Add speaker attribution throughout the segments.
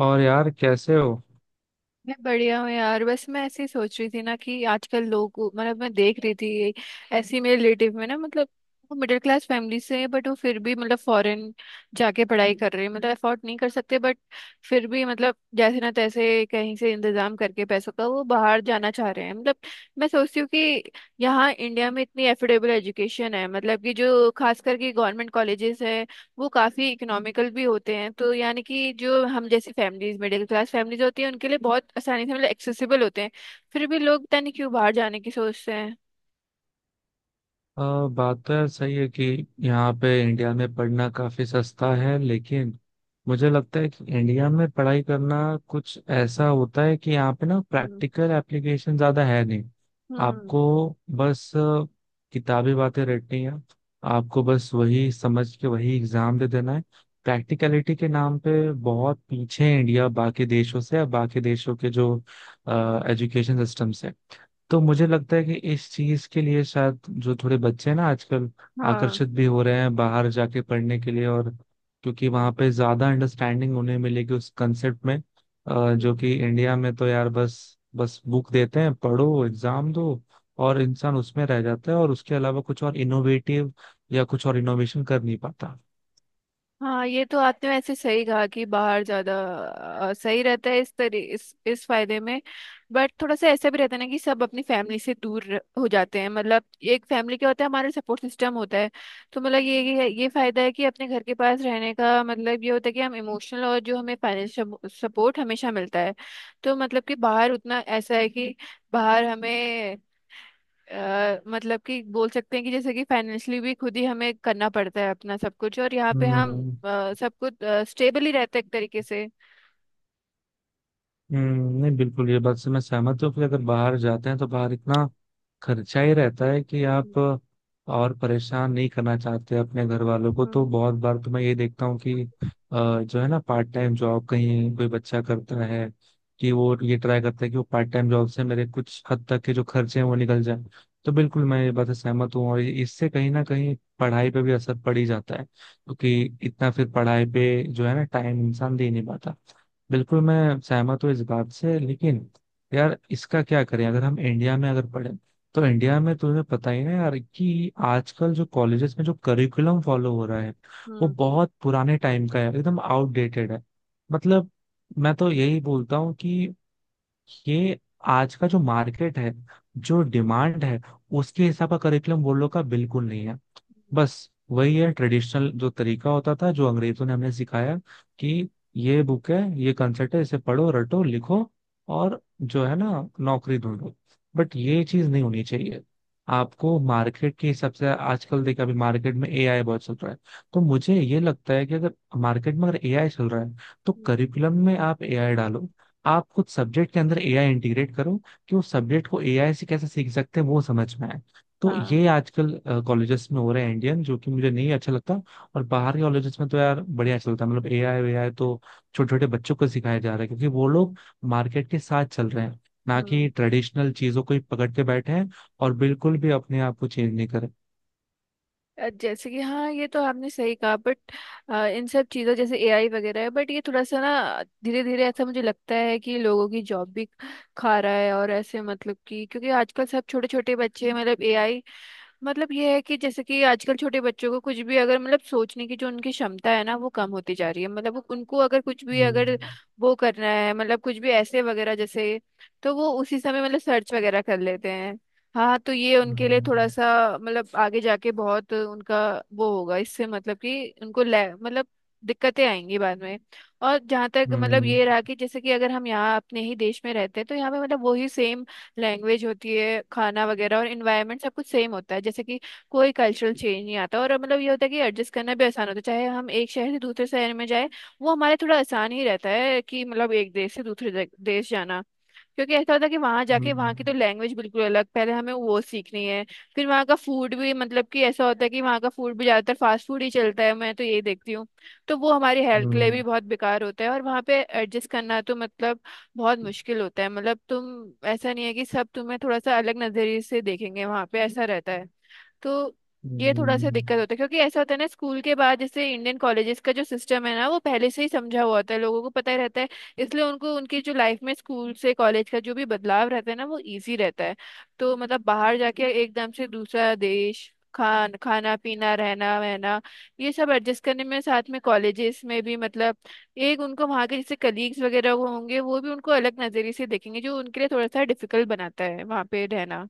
Speaker 1: और यार कैसे हो?
Speaker 2: मैं बढ़िया हूँ यार। बस मैं ऐसे ही सोच रही थी ना कि आजकल लोग, मतलब, मैं देख रही थी ये ऐसी मेरे रिलेटिव में ना, मतलब, वो मिडिल क्लास फैमिली से है, बट वो फिर भी, मतलब, फॉरेन जाके पढ़ाई कर रहे हैं, मतलब अफोर्ड नहीं कर सकते, बट फिर भी, मतलब, जैसे ना तैसे कहीं से इंतजाम करके पैसों का वो बाहर जाना चाह रहे हैं। मतलब, मैं सोचती हूँ कि यहाँ इंडिया में इतनी एफोर्डेबल एजुकेशन है, मतलब कि जो खास करके गवर्नमेंट कॉलेजेस है वो काफी इकोनॉमिकल भी होते हैं, तो यानी कि जो हम जैसी फैमिलीज, मिडिल क्लास फैमिलीज होती है उनके लिए बहुत आसानी से, मतलब, एक्सेसिबल होते हैं। फिर भी लोग पता नहीं क्यों बाहर जाने की सोचते हैं।
Speaker 1: अ, बात तो यार सही है कि यहाँ पे इंडिया में पढ़ना काफी सस्ता है लेकिन मुझे लगता है कि इंडिया में पढ़ाई करना कुछ ऐसा होता है कि यहाँ पे ना
Speaker 2: हम्म।
Speaker 1: प्रैक्टिकल एप्लीकेशन ज्यादा है नहीं।
Speaker 2: हम्म।
Speaker 1: आपको बस किताबी बातें रटनी है। आपको बस वही समझ के वही एग्जाम दे देना है। प्रैक्टिकलिटी के नाम पे बहुत पीछे है इंडिया बाकी देशों से या बाकी देशों के जो एजुकेशन सिस्टम से। तो मुझे लगता है कि इस चीज के लिए शायद जो थोड़े बच्चे हैं ना आजकल
Speaker 2: हाँ।
Speaker 1: आकर्षित भी हो रहे हैं बाहर जाके पढ़ने के लिए और क्योंकि वहां पे ज्यादा अंडरस्टैंडिंग उन्हें मिलेगी उस कंसेप्ट में। जो
Speaker 2: हम्म।
Speaker 1: कि इंडिया में तो यार बस बस बुक देते हैं पढ़ो एग्जाम दो और इंसान उसमें रह जाता है और उसके अलावा कुछ और इनोवेटिव या कुछ और इनोवेशन कर नहीं पाता।
Speaker 2: हाँ, ये तो आपने वैसे सही कहा कि बाहर ज्यादा सही रहता है इस तरी इस फायदे में। बट थोड़ा सा ऐसा भी रहता है ना कि सब अपनी फैमिली से दूर हो जाते हैं, मतलब। एक फैमिली क्या होता है, हमारा सपोर्ट सिस्टम होता है। तो मतलब ये फायदा है कि अपने घर के पास रहने का मतलब ये होता है कि हम इमोशनल और जो हमें फाइनेंशियल सपोर्ट हमेशा मिलता है। तो मतलब कि बाहर उतना ऐसा है कि बाहर हमें मतलब कि बोल सकते हैं कि जैसे कि फाइनेंशियली भी खुद ही हमें करना पड़ता है अपना सब कुछ, और यहाँ पे हम
Speaker 1: हम्म।
Speaker 2: सब कुछ स्टेबल ही रहते हैं एक तरीके से।
Speaker 1: नहीं बिल्कुल ये बात से मैं सहमत हूँ कि अगर बाहर जाते हैं तो बाहर इतना खर्चा ही रहता है कि आप
Speaker 2: हम्म।
Speaker 1: और परेशान नहीं करना चाहते अपने घर वालों को तो
Speaker 2: हम्म।
Speaker 1: बहुत बार तो मैं ये देखता हूँ कि जो है ना पार्ट टाइम जॉब कहीं कोई बच्चा करता है कि वो ये ट्राई करता है कि वो पार्ट टाइम जॉब से मेरे कुछ हद तक के जो खर्चे हैं वो निकल जाए। तो बिल्कुल मैं ये बात से सहमत हूँ और इससे कहीं ना कहीं पढ़ाई पे भी असर पड़ ही जाता है क्योंकि इतना फिर पढ़ाई पे जो है ना टाइम इंसान दे नहीं पाता। बिल्कुल मैं सहमत हूँ इस बात से लेकिन यार इसका क्या करें अगर हम इंडिया में अगर पढ़ें तो इंडिया में तुम्हें पता ही ना यार कि आजकल जो कॉलेजेस में जो करिकुलम फॉलो हो रहा है वो
Speaker 2: हम्म।
Speaker 1: बहुत पुराने टाइम का है एकदम आउटडेटेड है। मतलब मैं तो यही बोलता हूँ कि ये आज का जो मार्केट है जो डिमांड है उसके हिसाब का करिकुलम वो लोग का बिल्कुल नहीं है। बस वही है ट्रेडिशनल जो तरीका होता था जो अंग्रेजों ने हमें सिखाया कि ये बुक है ये कंसेप्ट है इसे पढ़ो रटो लिखो और जो है ना नौकरी ढूंढो। बट ये चीज नहीं होनी चाहिए। आपको मार्केट के हिसाब से आजकल देखा अभी मार्केट में एआई बहुत चल रहा है तो मुझे ये लगता है कि अगर मार्केट में अगर एआई चल रहा है तो
Speaker 2: हम्म,
Speaker 1: करिकुलम में आप एआई डालो। आप कुछ सब्जेक्ट के अंदर एआई इंटीग्रेट करो कि उस सब्जेक्ट को एआई से कैसे सीख सकते हैं वो समझ में आए। तो
Speaker 2: हाँ।
Speaker 1: ये आजकल कॉलेजेस में हो रहे हैं इंडियन जो कि मुझे नहीं अच्छा लगता। और बाहर के कॉलेजेस में तो यार बढ़िया अच्छा लगता है मतलब एआई वेआई तो छोटे छोटे बच्चों को सिखाया जा रहा है क्योंकि वो लोग मार्केट के साथ चल रहे हैं ना
Speaker 2: हम्म।
Speaker 1: कि ट्रेडिशनल चीजों को ही पकड़ के बैठे हैं और बिल्कुल भी अपने आप को चेंज नहीं करे।
Speaker 2: जैसे कि हाँ, ये तो आपने सही कहा, बट इन सब चीज़ों जैसे एआई वगैरह है, बट ये थोड़ा सा ना धीरे धीरे ऐसा मुझे लगता है कि लोगों की जॉब भी खा रहा है। और ऐसे मतलब कि क्योंकि आजकल सब छोटे छोटे बच्चे मतलब एआई, मतलब ये है कि जैसे कि आजकल छोटे बच्चों को कुछ भी अगर, मतलब, सोचने की जो उनकी क्षमता है ना वो कम होती जा रही है, मतलब वो उनको अगर कुछ भी, अगर
Speaker 1: हम्म।
Speaker 2: वो करना है, मतलब कुछ भी ऐसे वगैरह जैसे, तो वो उसी समय मतलब सर्च वगैरह कर लेते हैं। हाँ, तो ये उनके लिए थोड़ा
Speaker 1: हम्म।
Speaker 2: सा, मतलब, आगे जाके बहुत उनका वो होगा इससे, मतलब कि उनको ले, मतलब दिक्कतें आएंगी बाद में। और जहाँ तक मतलब
Speaker 1: हम्म।
Speaker 2: ये रहा कि जैसे कि अगर हम यहाँ अपने ही देश में रहते हैं, तो यहाँ पे मतलब वही सेम लैंग्वेज होती है, खाना वगैरह और इन्वायरमेंट सब कुछ सेम होता है, जैसे कि कोई कल्चरल चेंज नहीं आता। और मतलब ये होता है कि एडजस्ट करना भी आसान होता है, चाहे हम एक शहर से दूसरे शहर में जाए, वो हमारे थोड़ा आसान ही रहता है कि मतलब एक देश से दूसरे देश जाना, क्योंकि ऐसा होता है कि वहां जाके वहां
Speaker 1: हम्म।
Speaker 2: की तो लैंग्वेज बिल्कुल अलग, पहले हमें वो सीखनी है। फिर वहां का फूड भी, मतलब कि ऐसा होता है कि वहां का फूड भी ज्यादातर फास्ट फूड ही चलता है, मैं तो यही देखती हूँ। तो वो हमारी
Speaker 1: हम्म।
Speaker 2: हेल्थ के लिए भी बहुत बेकार होता है, और वहां पे एडजस्ट करना तो, मतलब, बहुत मुश्किल होता है, मतलब तुम ऐसा नहीं है कि सब तुम्हें थोड़ा सा अलग नजरिए से देखेंगे वहां पे, ऐसा रहता है। तो ये थोड़ा सा दिक्कत
Speaker 1: हम्म।
Speaker 2: होता है, क्योंकि ऐसा होता है ना, स्कूल के बाद जैसे इंडियन कॉलेजेस का जो सिस्टम है ना, वो पहले से ही समझा हुआ होता है, लोगों को पता ही रहता है, इसलिए उनको उनकी जो लाइफ में स्कूल से कॉलेज का जो भी बदलाव रहता है ना, वो इजी रहता है। तो मतलब बाहर जाके एकदम से दूसरा देश, खाना पीना रहना वहना, ये सब एडजस्ट करने में, साथ में कॉलेजेस में भी, मतलब एक उनको वहाँ के जैसे कलीग्स वगैरह वो होंगे, वो भी उनको अलग नज़रिए से देखेंगे, जो उनके लिए थोड़ा सा डिफिकल्ट बनाता है वहाँ पे रहना।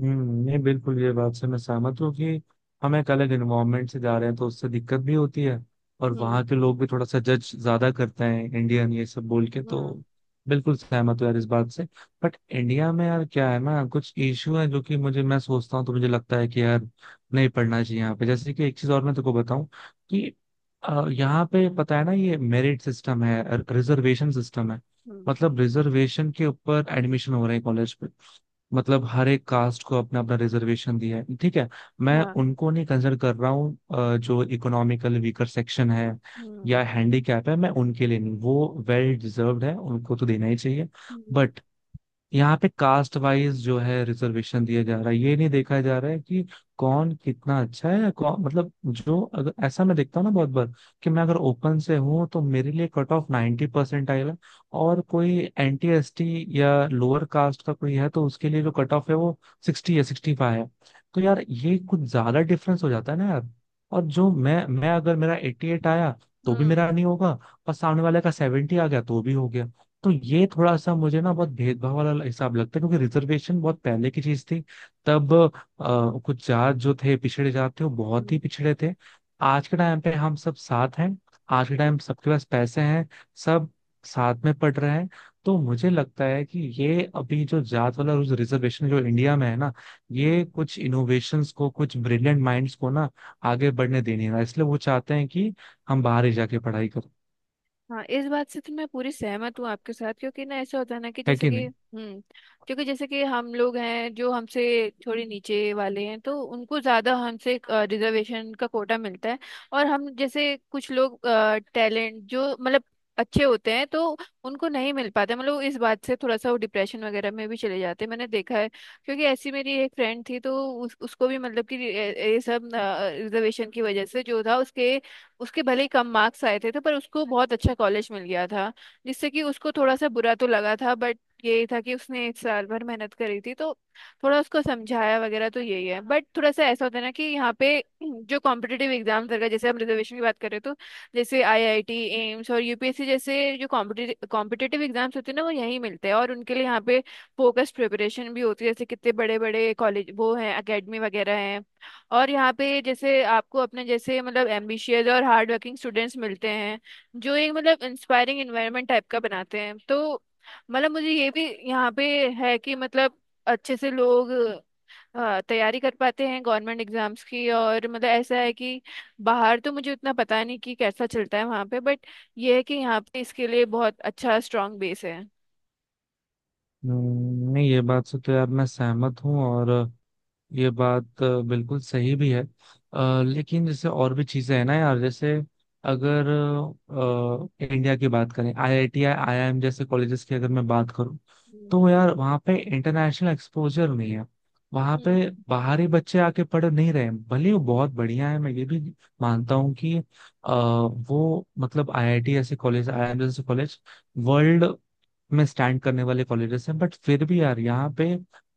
Speaker 1: हम्म, नहीं बिल्कुल ये बात से मैं सहमत हूँ कि हम एक अलग इन्वायरमेंट से जा रहे हैं तो उससे दिक्कत भी होती है और
Speaker 2: हम्म।
Speaker 1: वहाँ के लोग भी थोड़ा सा जज ज्यादा करते हैं इंडियन ये सब बोल के तो
Speaker 2: हम्म।
Speaker 1: बिल्कुल सहमत हूँ यार इस बात से। बट इंडिया में यार क्या है ना कुछ इश्यू है जो कि मुझे मैं सोचता हूँ तो मुझे लगता है कि यार नहीं पढ़ना चाहिए यहाँ पे जैसे कि एक चीज और मैं तुमको बताऊं कि यहाँ पे पता है ना ये मेरिट सिस्टम है, रिजर्वेशन सिस्टम है।
Speaker 2: हम्म।
Speaker 1: मतलब रिजर्वेशन के ऊपर एडमिशन हो रहे हैं कॉलेज। मतलब हर एक कास्ट को अपना अपना रिजर्वेशन दिया है, ठीक है। मैं
Speaker 2: हाँ।
Speaker 1: उनको नहीं कंसिडर कर रहा हूँ जो इकोनॉमिकल वीकर सेक्शन है या
Speaker 2: हम्म।
Speaker 1: हैंडीकैप है मैं उनके लिए नहीं, वो वेल डिजर्व्ड है उनको तो देना ही चाहिए।
Speaker 2: हम्म।
Speaker 1: बट यहाँ पे कास्ट वाइज जो है रिजर्वेशन दिया जा रहा है ये नहीं देखा जा रहा है कि कौन कितना अच्छा है या कौन मतलब जो अगर ऐसा मैं देखता हूँ ना बहुत बार कि मैं अगर ओपन से हूँ तो मेरे लिए कट ऑफ 90% आएगा और कोई NT ST या लोअर कास्ट का कोई है तो उसके लिए जो कट ऑफ है वो 60 या 65 है। तो यार ये कुछ ज्यादा डिफरेंस हो जाता है ना यार। और जो मैं अगर मेरा 88 आया तो भी
Speaker 2: हम्म।
Speaker 1: मेरा नहीं होगा और सामने वाले का 70 आ गया तो भी हो गया। तो ये थोड़ा सा मुझे ना बहुत भेदभाव वाला हिसाब लगता है क्योंकि रिजर्वेशन बहुत पहले की चीज थी। तब कुछ जात जो थे पिछड़े जात थे वो बहुत ही
Speaker 2: हम्म।
Speaker 1: पिछड़े थे। आज के टाइम पे हम सब साथ हैं। आज के टाइम सबके पास पैसे हैं। सब साथ में पढ़ रहे हैं। तो मुझे लगता है कि ये अभी जो जात वाला रिजर्वेशन जो इंडिया में है ना
Speaker 2: हम्म,
Speaker 1: ये कुछ इनोवेशंस को कुछ ब्रिलियंट माइंड्स को ना आगे बढ़ने देने ना इसलिए वो चाहते हैं कि हम बाहर ही जाके पढ़ाई करें।
Speaker 2: हाँ, इस बात से तो मैं पूरी सहमत हूँ आपके साथ, क्योंकि ना ऐसा होता है ना कि
Speaker 1: है
Speaker 2: जैसे
Speaker 1: कि
Speaker 2: कि,
Speaker 1: नहीं?
Speaker 2: हम्म, क्योंकि जैसे कि हम लोग हैं, जो हमसे थोड़े नीचे वाले हैं, तो उनको ज़्यादा हमसे रिजर्वेशन का कोटा मिलता है। और हम जैसे कुछ लोग टैलेंट जो, मतलब, अच्छे होते हैं, तो उनको नहीं मिल पाते, मतलब इस बात से थोड़ा सा वो डिप्रेशन वगैरह में भी चले जाते हैं, मैंने देखा है। क्योंकि ऐसी मेरी एक फ्रेंड थी, तो उसको भी, मतलब कि ये सब रिजर्वेशन की वजह से जो था, उसके उसके भले ही कम मार्क्स आए थे, तो पर उसको बहुत अच्छा कॉलेज मिल गया था, जिससे कि उसको थोड़ा सा बुरा तो लगा था, बट यही था कि उसने एक साल भर मेहनत करी थी, तो थोड़ा उसको समझाया वगैरह, तो यही है। बट थोड़ा सा ऐसा होता है ना कि यहाँ पे जो कॉम्पिटेटिव एग्जाम्स वगैरह, जैसे हम रिजर्वेशन की बात करें, तो जैसे आईआईटी, एम्स और यूपीएससी जैसे जो कॉम्पिटेटिव कॉम्पिटेटिव एग्जाम्स होते हैं ना, वो यहीं मिलते हैं और उनके लिए यहाँ पे फोकस प्रिपरेशन भी होती है, जैसे कितने बड़े बड़े कॉलेज वो हैं, अकेडमी वगैरह हैं। और यहाँ पे जैसे आपको अपने जैसे, मतलब, एम्बिशियस और हार्ड वर्किंग स्टूडेंट्स मिलते हैं, जो एक, मतलब, इंस्पायरिंग एनवायरनमेंट टाइप का बनाते हैं। तो मतलब मुझे ये भी यहाँ पे है कि मतलब अच्छे से लोग तैयारी कर पाते हैं गवर्नमेंट एग्जाम्स की। और मतलब ऐसा है कि बाहर तो मुझे उतना पता नहीं कि कैसा चलता है वहाँ पे, बट ये है कि यहाँ पे इसके लिए बहुत अच्छा स्ट्रांग बेस है।
Speaker 1: नहीं ये बात से तो यार मैं सहमत हूँ और ये बात बिल्कुल सही भी है। लेकिन जैसे और भी चीजें हैं ना यार जैसे अगर इंडिया की बात करें IIT IIM जैसे कॉलेजेस की अगर मैं बात करूं
Speaker 2: हम्म।
Speaker 1: तो यार वहाँ पे इंटरनेशनल एक्सपोजर नहीं है। वहाँ पे
Speaker 2: हम्म।
Speaker 1: बाहरी बच्चे आके पढ़ नहीं रहे हैं भले ही वो बहुत बढ़िया है मैं ये भी मानता हूँ कि वो मतलब IIT जैसे कॉलेज IIM जैसे कॉलेज वर्ल्ड में स्टैंड करने वाले कॉलेजेस हैं। बट फिर भी यार यहाँ पे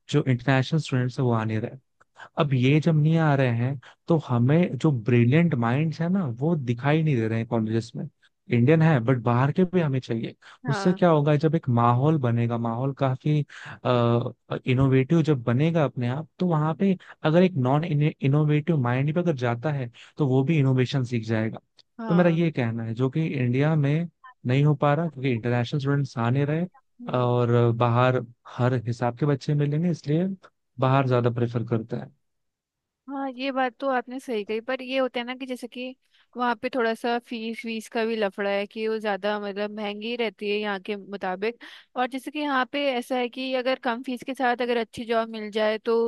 Speaker 1: जो इंटरनेशनल स्टूडेंट्स हैं वो आ नहीं रहे। अब ये जब नहीं आ रहे हैं तो हमें जो ब्रिलियंट माइंड्स है ना वो दिखाई नहीं दे रहे हैं कॉलेजेस में। इंडियन है बट बाहर के भी हमें चाहिए। उससे
Speaker 2: हाँ।
Speaker 1: क्या होगा जब एक माहौल बनेगा माहौल काफी इनोवेटिव जब बनेगा अपने आप तो वहां पे अगर एक नॉन इनोवेटिव माइंड भी अगर जाता है तो वो भी इनोवेशन सीख जाएगा। तो मेरा
Speaker 2: हाँ।
Speaker 1: ये कहना है जो कि इंडिया में नहीं हो पा रहा क्योंकि इंटरनेशनल स्टूडेंट्स आ नहीं रहे
Speaker 2: हम्म।
Speaker 1: और बाहर हर हिसाब के बच्चे मिलेंगे इसलिए बाहर ज्यादा प्रेफर करते हैं।
Speaker 2: हाँ, ये बात तो आपने सही कही, पर ये होता है ना कि जैसे कि वहाँ पे थोड़ा सा फीस वीस का भी लफड़ा है कि वो ज़्यादा, मतलब, महंगी रहती है यहाँ के मुताबिक। और जैसे कि यहाँ पे ऐसा है कि अगर कम फीस के साथ अगर अच्छी जॉब मिल जाए, तो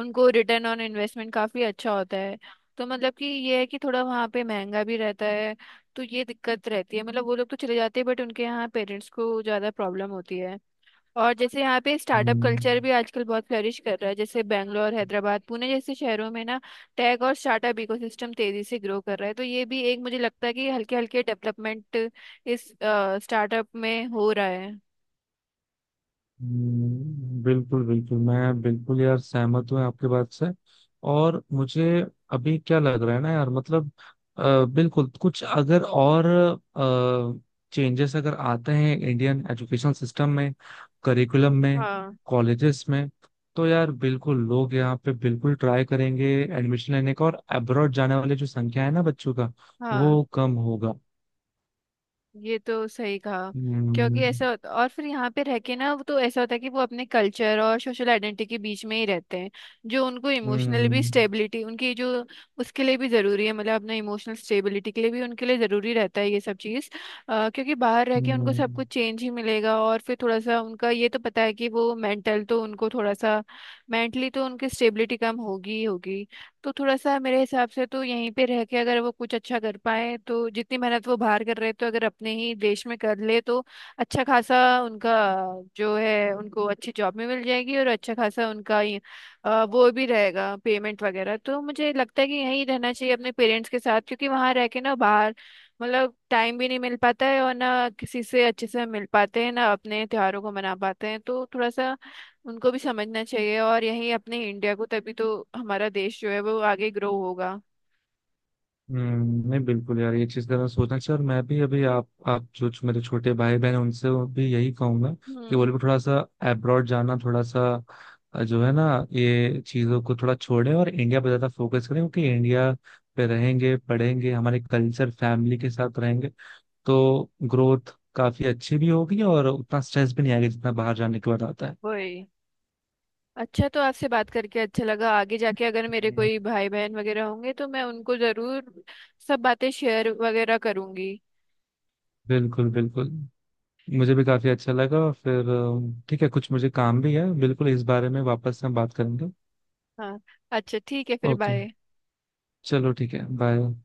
Speaker 2: उनको रिटर्न ऑन इन्वेस्टमेंट काफ़ी अच्छा होता है। तो मतलब कि ये है कि थोड़ा वहाँ पे महंगा भी रहता है, तो ये दिक्कत रहती है, मतलब वो लोग तो चले जाते हैं, बट उनके यहाँ पेरेंट्स को ज़्यादा प्रॉब्लम होती है। और जैसे यहाँ पे स्टार्टअप कल्चर
Speaker 1: हम्म।
Speaker 2: भी आजकल बहुत फ्लरिश कर रहा है, जैसे बैंगलोर, हैदराबाद, पुणे जैसे शहरों में ना, टेक और स्टार्टअप इकोसिस्टम तेजी से ग्रो कर रहा है, तो ये भी एक मुझे लगता है कि हल्के हल्के डेवलपमेंट इस स्टार्टअप में हो रहा है।
Speaker 1: बिल्कुल बिल्कुल मैं बिल्कुल यार सहमत हूँ आपके बात से। और मुझे अभी क्या लग रहा है ना यार मतलब बिल्कुल कुछ अगर और चेंजेस अगर आते हैं इंडियन एजुकेशन सिस्टम में करिकुलम में
Speaker 2: हाँ।
Speaker 1: कॉलेजेस में तो यार बिल्कुल लोग यहाँ पे बिल्कुल ट्राई करेंगे एडमिशन लेने का और अब्रॉड जाने वाले जो संख्या है ना बच्चों का
Speaker 2: हाँ,
Speaker 1: वो कम होगा।
Speaker 2: ये तो सही कहा, क्योंकि
Speaker 1: हम्म।
Speaker 2: ऐसा होता, और फिर यहाँ पे रह के ना, वो तो ऐसा होता है कि वो अपने कल्चर और सोशल आइडेंटिटी के बीच में ही रहते हैं, जो उनको इमोशनल भी
Speaker 1: हम्म।
Speaker 2: स्टेबिलिटी उनकी जो उसके लिए भी ज़रूरी है, मतलब अपने इमोशनल स्टेबिलिटी के लिए भी उनके लिए ज़रूरी रहता है ये सब चीज़। क्योंकि बाहर रह के उनको
Speaker 1: हम्म।
Speaker 2: सब कुछ चेंज ही मिलेगा, और फिर थोड़ा सा उनका ये तो पता है कि वो मेंटल तो उनको थोड़ा सा मेंटली तो उनकी स्टेबिलिटी कम होगी ही होगी। तो थोड़ा सा मेरे हिसाब से तो यहीं पे रह के अगर वो कुछ अच्छा कर पाए, तो जितनी मेहनत वो बाहर कर रहे, तो अगर अपने ही देश में कर ले, तो अच्छा खासा उनका जो है उनको अच्छी जॉब में मिल जाएगी, और अच्छा खासा उनका वो भी रहेगा पेमेंट वगैरह। तो मुझे लगता है कि यहीं रहना चाहिए अपने पेरेंट्स के साथ, क्योंकि वहां रह के ना, बाहर मतलब टाइम भी नहीं मिल पाता है, और ना किसी से अच्छे से मिल पाते हैं, ना अपने त्योहारों को मना पाते हैं। तो थोड़ा सा उनको भी समझना चाहिए, और यही अपने इंडिया को, तभी तो हमारा देश जो है वो आगे ग्रो होगा।
Speaker 1: नहीं बिल्कुल यार ये चीज जरा सोचना चाहिए और मैं भी अभी आप जो जो मेरे छोटे भाई बहन हैं उनसे भी यही कहूंगा कि वो
Speaker 2: हम्म।
Speaker 1: लोग भी थोड़ा सा अब्रॉड जाना थोड़ा सा जो है ना ये चीजों को थोड़ा छोड़े और इंडिया पर ज्यादा फोकस करें क्योंकि इंडिया पे रहेंगे पढ़ेंगे हमारे कल्चर फैमिली के साथ रहेंगे तो ग्रोथ काफी अच्छी भी होगी और उतना स्ट्रेस भी नहीं आएगा जितना बाहर जाने के बाद आता है।
Speaker 2: वही। अच्छा, तो आपसे बात करके अच्छा लगा। आगे जाके अगर मेरे
Speaker 1: हम्म।
Speaker 2: कोई भाई बहन वगैरह होंगे, तो मैं उनको जरूर सब बातें शेयर वगैरह करूंगी।
Speaker 1: बिल्कुल बिल्कुल मुझे भी काफी अच्छा लगा फिर ठीक है कुछ मुझे काम भी है बिल्कुल इस बारे में वापस हम बात करेंगे।
Speaker 2: हाँ। अच्छा ठीक है, फिर
Speaker 1: ओके
Speaker 2: बाय।
Speaker 1: चलो ठीक है बाय।